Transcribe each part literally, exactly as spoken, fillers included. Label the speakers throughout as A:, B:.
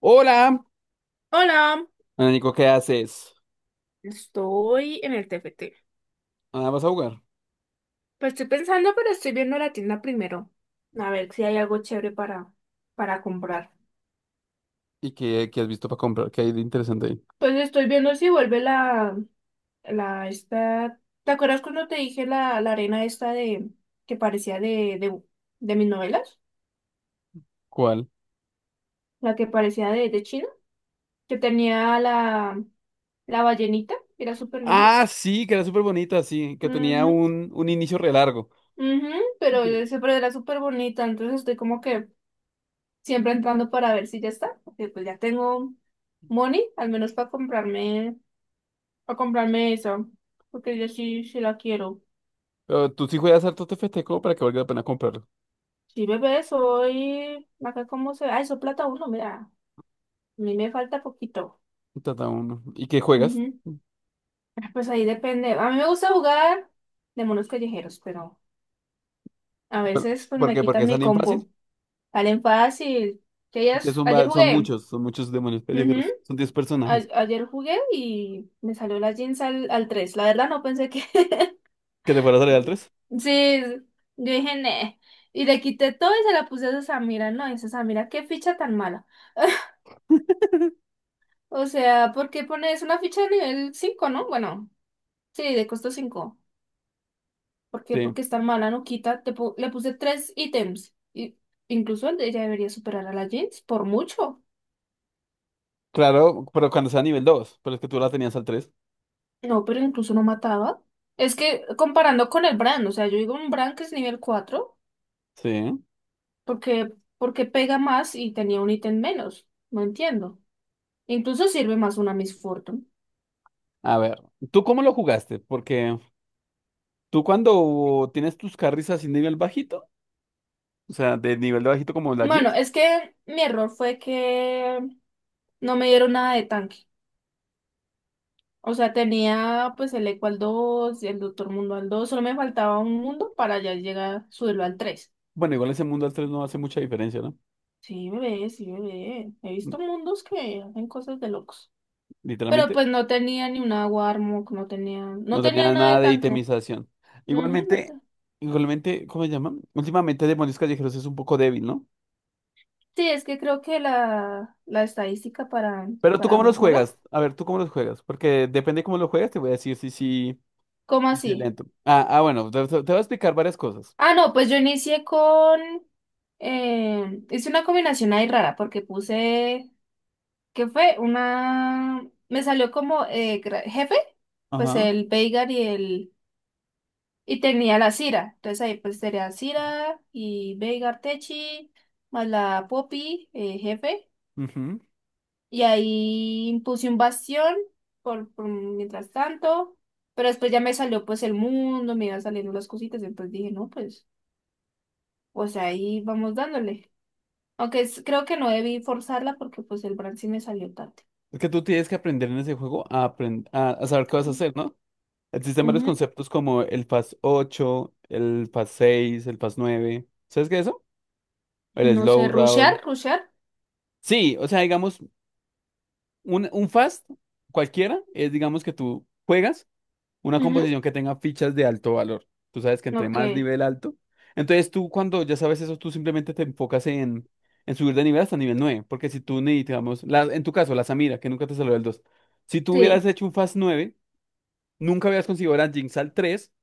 A: Hola,
B: Hola,
A: Ana Nico, ¿qué haces?
B: estoy en el T F T.
A: Ah, vas a jugar.
B: Pues estoy pensando, pero estoy viendo la tienda primero. A ver si hay algo chévere para, para comprar.
A: ¿Y qué, qué has visto para comprar? ¿Qué hay de interesante ahí?
B: Pues estoy viendo si vuelve la, la, esta. ¿Te acuerdas cuando te dije la, la arena esta de, que parecía de, de, de mis novelas?
A: ¿Cuál?
B: La que parecía de, de China, que tenía la, la ballenita, que era súper linda.
A: Ah, sí, que era súper bonita, sí, que tenía
B: Ujú,
A: un, un inicio re largo.
B: ujú, pero,
A: Sí.
B: ese- pero era súper bonita, entonces estoy como que siempre entrando para ver si ya está, porque pues ya tengo money, al menos para comprarme, para comprarme eso, porque yo sí, sí la quiero.
A: Pero tú sí juegas harto T F T como para que valga la pena comprarlo.
B: Sí, bebé, soy, acá cómo se ve, ay, soy plata uno, mira, a mí me falta poquito.
A: Trata uno. ¿Y qué juegas?
B: Ujú. Ah, pues ahí depende, a mí me gusta jugar de monos callejeros, pero a
A: Pero-
B: veces pues
A: ¿Por
B: me
A: qué? ¿Porque
B: quitan mi
A: salen fácil?
B: compo, salen fácil, que ayer,
A: Porque son,
B: ayer
A: va- son
B: jugué,
A: muchos, son muchos demonios
B: ujú,
A: callejeros. Son diez
B: a-
A: personajes.
B: ayer jugué y me salió la jeans al, al tres, la verdad no pensé que.
A: ¿Que te fuera a salir al tres?
B: Sí, yo dije, "Nee". Y le quité todo y se la puse a Samira, ¿no? Y dice, Samira, qué ficha tan mala. O sea, ¿por qué pones una ficha de nivel cinco, no? Bueno, sí, de costo cinco. ¿Por qué?
A: Sí.
B: Porque es tan mala, no quita. Te pu- le puse tres ítems. Y incluso el de ella debería superar a la Jinx, por mucho.
A: Claro, pero cuando sea nivel dos. Pero es que tú la tenías al tres.
B: No, pero incluso no mataba. Es que comparando con el Bran, o sea, yo digo un Bran que es nivel cuatro
A: Sí.
B: porque, porque pega más y tenía un ítem menos. No entiendo. Incluso sirve más una Miss Fortune.
A: A ver, ¿tú cómo lo jugaste? Porque... Tú cuando tienes tus carries así nivel bajito, o sea, de nivel de bajito como la
B: Bueno,
A: Jinx,
B: es que mi error fue que no me dieron nada de tanque. O sea, tenía pues el Eco al dos, el Doctor Mundo al dos, solo me faltaba un mundo para ya llegar, subirlo al tres.
A: bueno, igual ese mundo al tres no hace mucha diferencia, ¿no?
B: Sí, bebé, sí, bebé. He
A: Mm,
B: visto mundos que hacen cosas de locos. Pero
A: Literalmente,
B: pues no tenía ni una Warmog, no tenía, no
A: no tenía
B: tenía nada de
A: nada de
B: tanque.
A: itemización.
B: Ujú, no
A: Igualmente,
B: te-
A: igualmente, ¿cómo se llama? Últimamente Demonios Callejeros es un poco débil, ¿no?
B: sí, es que creo que la, la estadística para,
A: ¿Pero tú
B: para
A: cómo los
B: mejoras.
A: juegas? A ver, ¿tú cómo los juegas? Porque depende cómo los juegas, te voy a decir si sí,
B: ¿Cómo
A: si, si es
B: así?
A: lento. Ah, ah, bueno, te, te voy a explicar varias cosas.
B: Ah, no, pues yo inicié con, eh, hice una combinación ahí rara porque puse. ¿Qué fue? Una. Me salió como eh, gra- jefe, pues
A: Ajá.
B: el Veigar y el. Y tenía la Cira. Entonces ahí pues sería Cira y Veigar Techi, más la Poppy, eh, jefe.
A: Ujú.
B: Y ahí puse un bastión por, por mientras tanto. Pero después ya me salió pues el mundo, me iban saliendo las cositas. Entonces dije, no, pues, pues ahí vamos dándole. Aunque es- creo que no debí forzarla porque pues el brand sí me salió tarde.
A: Es que tú tienes que aprender en ese juego a, aprend- a, a saber qué vas a hacer, ¿no? Existen varios
B: Ujú.
A: conceptos como el Fast ocho, el Fast seis, el Fast nueve. ¿Sabes qué es eso? El
B: No sé,
A: Slow
B: rushear,
A: Roll.
B: rushear.
A: Sí, o sea, digamos, un, un Fast cualquiera es, digamos, que tú juegas una
B: Ujú.
A: composición que tenga fichas de alto valor. Tú sabes que entre
B: Ok,
A: más nivel alto. Entonces tú cuando ya sabes eso, tú simplemente te enfocas en, en subir de nivel hasta nivel nueve. Porque si tú, ni, digamos, la, en tu caso, la Samira, que nunca te salió el dos. Si tú hubieras
B: sí,
A: hecho un Fast nueve, nunca hubieras conseguido la Jinx al tres,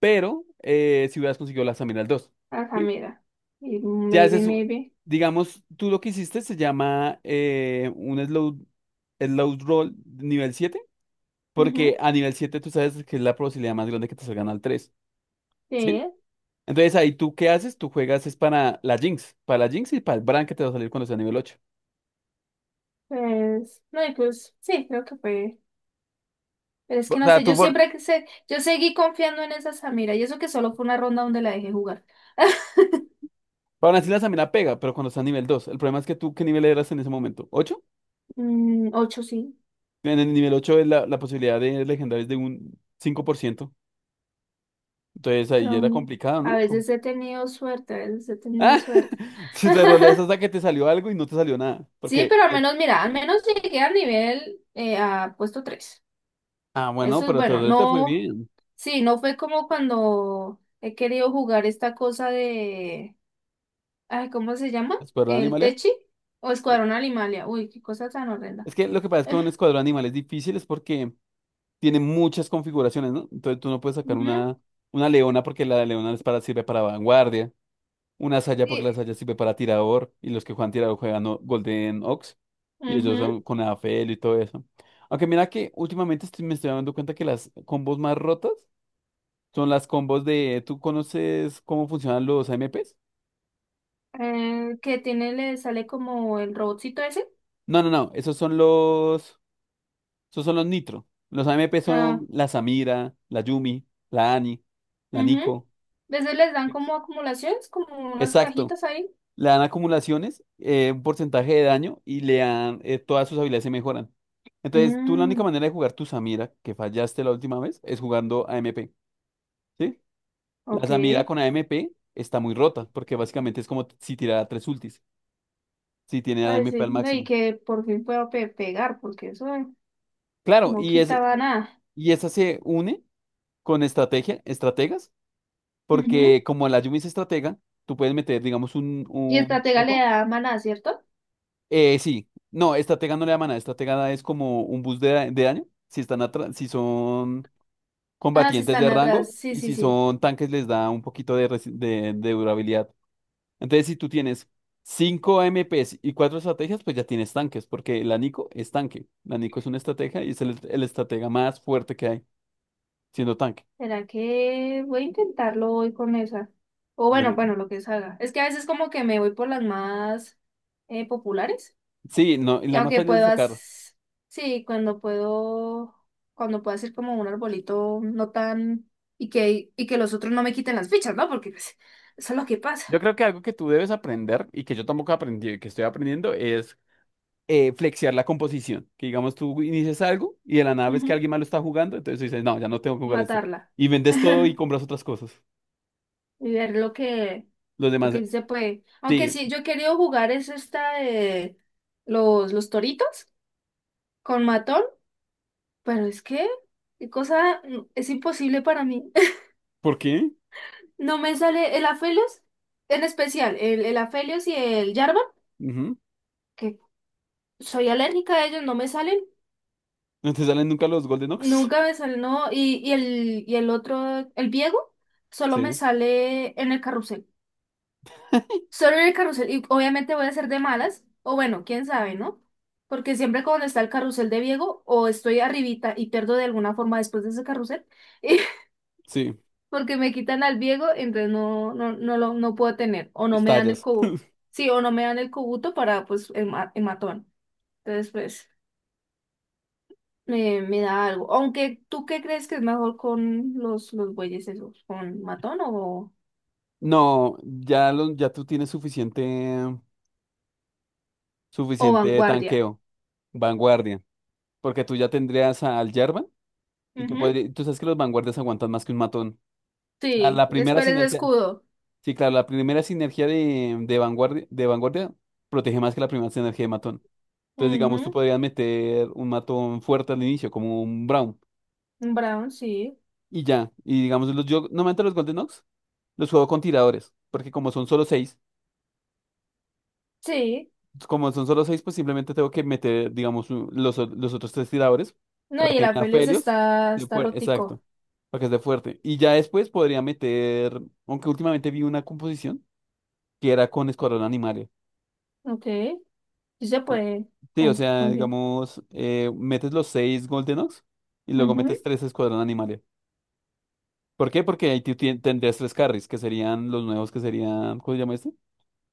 A: pero eh, si hubieras conseguido las aminas dos,
B: acá
A: ¿sí?
B: mira. Y
A: Si
B: maybe,
A: haces, u-
B: maybe.
A: digamos, tú lo que hiciste se llama eh, un slow, slow roll nivel siete,
B: Ujú.
A: porque a nivel siete tú sabes que es la probabilidad más grande que te salgan al tres, ¿sí?
B: Sí,
A: Entonces ahí tú qué haces, tú juegas es para la Jinx, para la Jinx y para el Bran que te va a salir cuando sea nivel ocho.
B: pues, no, y pues, sí, creo que fue. Pero es
A: O
B: que no
A: sea,
B: sé,
A: tú
B: yo
A: por...
B: siempre que sé, yo seguí confiando en esa Samira y eso que solo fue una ronda donde la dejé jugar.
A: Para así la Samina pega, pero cuando está a nivel dos. El problema es que tú, ¿qué nivel eras en ese momento? Ocho.
B: Mm, ocho sí,
A: En el nivel ocho es la, la, posibilidad de legendarios de un cinco por ciento. Entonces ahí
B: pero
A: era
B: mm,
A: complicado,
B: a
A: ¿no? Como-
B: veces he tenido suerte, a veces he tenido
A: Ah,
B: suerte.
A: si te roleas hasta que te salió algo y no te salió nada.
B: Sí,
A: Porque,
B: pero al
A: eh,
B: menos, mira, al menos llegué al nivel, eh, a puesto tres.
A: ah, bueno,
B: Eso es
A: pero te,
B: bueno.
A: te fue
B: No,
A: bien.
B: sí, no fue como cuando he querido jugar esta cosa de, ay, ¿cómo se llama?
A: Escuadrón
B: El
A: Animal.
B: Techi o Escuadrón Animalia. Uy, qué cosa tan horrenda.
A: Es que lo que pasa es que un escuadrón animal es difícil es porque tiene muchas configuraciones, ¿no? Entonces tú no puedes sacar
B: Ujú,
A: una, una leona porque la leona es para, sirve para vanguardia. Una saya porque
B: sí,
A: la saya sirve para tirador. Y los que juegan tirador juegan o- Golden Ox. Y ellos
B: ujú.
A: son con Afel y todo eso. Aunque mira que últimamente estoy- me estoy dando cuenta que las combos más rotas son las combos de... ¿Tú conoces cómo funcionan los A M Ps?
B: Eh, que tiene, le sale como el robotcito ese.
A: No, no, no. Esos son los... Esos son los Nitro. Los A M P
B: Ah,
A: son la Samira, la Yumi, la Ani, la
B: ujú.
A: Nico.
B: Veces les dan
A: Ex.
B: como acumulaciones, como unas
A: Exacto.
B: cajitas ahí.
A: Le dan acumulaciones, eh, un porcentaje de daño y le dan... eh, todas sus habilidades se mejoran. Entonces, tú la única
B: Mm,
A: manera de jugar tu Samira, que fallaste la última vez, es jugando A M P, ¿sí? La
B: ok.
A: Samira con A M P está muy rota, porque básicamente es como si tirara tres ultis, si tiene
B: Ay,
A: A M P
B: sí,
A: al
B: no, y
A: máximo.
B: que por fin pueda pe- pegar, porque eso eh,
A: Claro,
B: no
A: y es,
B: quitaba nada.
A: Y esa se une con estrategia, estrategas,
B: Ujú.
A: porque como la Yumi es estratega, tú puedes meter, digamos, un,
B: Y
A: un
B: estratega le
A: eco.
B: da maná, ¿cierto?
A: Eh, sí, no, estratega no le llama nada, estratega es como un bus de, da- de daño, si están atra- si son
B: Ah, sí,
A: combatientes de
B: están atrás.
A: rango
B: Sí,
A: y
B: sí,
A: si
B: sí.
A: son tanques les da un poquito de, resi- de, de durabilidad. Entonces, si tú tienes cinco A M Ps y cuatro estrategias, pues ya tienes tanques, porque la Nico es tanque. La Nico es una estratega y es el el estratega más fuerte que hay, siendo tanque.
B: ¿Será que voy a intentarlo hoy con esa? O bueno, bueno, lo que salga. Es que a veces como que me voy por las más eh, populares.
A: Sí, no, y
B: Y
A: la más
B: aunque
A: fácil de sacar.
B: puedas, sí, cuando puedo, cuando puedo hacer como un arbolito no tan. Y que, y que los otros no me quiten las fichas, ¿no? Porque pues, eso es lo que pasa.
A: Yo creo que algo que tú debes aprender y que yo tampoco aprendí, que estoy aprendiendo, es eh, flexear la composición. Que digamos, tú inicias algo y de la nada ves que alguien más lo está jugando, entonces tú dices, no, ya no tengo que jugar esto.
B: Matarla
A: Y vendes todo y compras otras cosas.
B: y ver lo que,
A: Los
B: lo
A: demás,
B: que
A: eh,
B: sí se puede. Aunque
A: sí,
B: sí, yo he querido jugar es esta de los, los toritos con matón, pero es que qué cosa mm, es imposible para mí.
A: ¿por qué?
B: No me sale el Aphelios, en especial el, el Aphelios y el Jarvan,
A: Ujú.
B: que soy alérgica a ellos, no me salen,
A: No te salen nunca los Golden Ox.
B: nunca me salen, no, y, y el, y el otro, el Viego, solo me
A: Sí,
B: sale en el carrusel. Solo en el carrusel, y obviamente voy a ser de malas, o bueno, quién sabe, ¿no? Porque siempre cuando está el carrusel de Diego, o estoy arribita y pierdo de alguna forma después de ese carrusel, y
A: sí,
B: porque me quitan al Diego, entonces no, no, no lo no puedo tener, o no me dan el
A: estallas.
B: cubo, sí, o no me dan el cubuto para pues el, ma- el matón. Entonces, pues, me, me da algo. Aunque, ¿tú qué crees que es mejor con los, los bueyes esos? ¿Con matón o,
A: No, ya, lo- ya tú tienes suficiente,
B: o
A: suficiente
B: vanguardia?
A: tanqueo, vanguardia, porque tú ya tendrías al Yerba. Y tú,
B: Ujú,
A: podrí- tú sabes que los vanguardias aguantan más que un matón. O sea,
B: sí,
A: la
B: es
A: primera
B: cuál es
A: sinergia,
B: escudo.
A: sí, claro, la primera sinergia de, de vanguardia, de vanguardia protege más que la primera sinergia de matón. Entonces, digamos, tú
B: Ujú.
A: podrías meter un matón fuerte al inicio, como un Brown,
B: Brown, sí.
A: y ya. Y digamos, los, yo normalmente los Golden Ox los juego con tiradores, porque como son solo seis,
B: Sí.
A: como son solo seis, pues simplemente tengo que meter, digamos, un- los, o- los otros tres tiradores
B: No,
A: para
B: y el
A: que me
B: Afelios
A: afelios.
B: está, está rotico.
A: Exacto, para que esté fuerte. Y ya después podría meter, aunque últimamente vi una composición que era con Escuadrón Animalia,
B: Ok. Sí se
A: ¿no?
B: puede.
A: Sí, o
B: ¿Con,
A: sea,
B: con quién?
A: digamos, eh, metes los seis Golden Ox y luego
B: Ujú.
A: metes tres Escuadrón Animalia. ¿Por qué? Porque ahí tú tien- tendrías tres carries, que serían los nuevos, que serían, ¿cómo se llama este?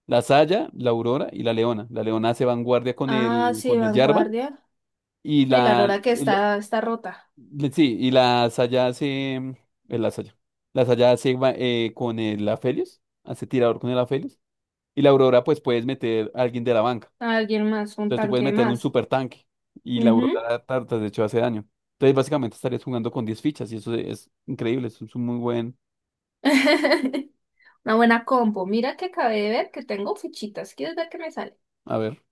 A: La Saya, la Aurora y la Leona. La Leona hace vanguardia con
B: Ah,
A: el,
B: sí,
A: con el Jarvan
B: vanguardia.
A: y
B: No, y la
A: la,
B: Aurora que
A: el,
B: está, está rota.
A: Le- Sí, y la saya hace, eh, la saya, la saya hace va- eh, con el Aphelios, hace tirador con el Aphelios, y la Aurora pues puedes meter a alguien de la banca,
B: Alguien más, un
A: entonces tú puedes
B: tanque
A: meter un
B: más.
A: super tanque, y la
B: Ujú.
A: Aurora tartas de hecho hace daño, entonces básicamente estarías jugando con diez fichas, y eso es increíble, eso es un muy buen,
B: Una buena compo. Mira que acabé de ver que tengo fichitas. ¿Quieres ver qué me sale?
A: a ver,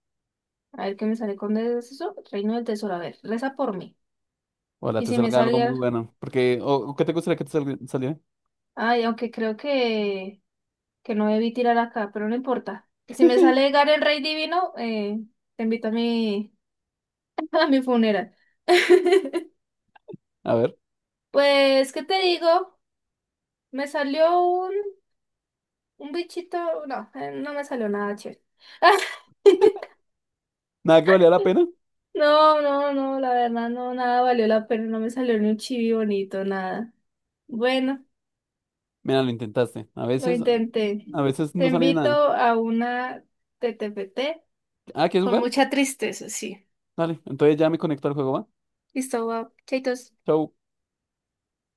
B: A ver qué me sale con eso. Reino del Tesoro. A ver, reza por mí.
A: ojalá
B: Y
A: te
B: si me
A: salga algo muy
B: salga.
A: bueno, porque, o, o ¿qué te gustaría que te salga- saliera?
B: Ay, aunque creo que. que no debí tirar acá, pero no importa. Si me sale Garen Rey Divino, eh, te invito a mi, a mi funeral.
A: A ver,
B: Pues, ¿qué te digo? Me salió un, un bichito, no, eh, no me salió nada chévere.
A: nada que valía la pena,
B: No, no, no, la verdad no, nada valió la pena, no me salió ni un chibi bonito, nada. Bueno,
A: mira, lo intentaste, a
B: lo
A: veces,
B: intenté.
A: a veces
B: Te
A: no sale
B: invito
A: nada,
B: a una T T P T
A: ah, ¿quieres
B: con
A: jugar?
B: mucha tristeza, sí.
A: Dale, entonces ya me conecto al juego, ¿va?
B: Listo, va, chaitos.
A: Show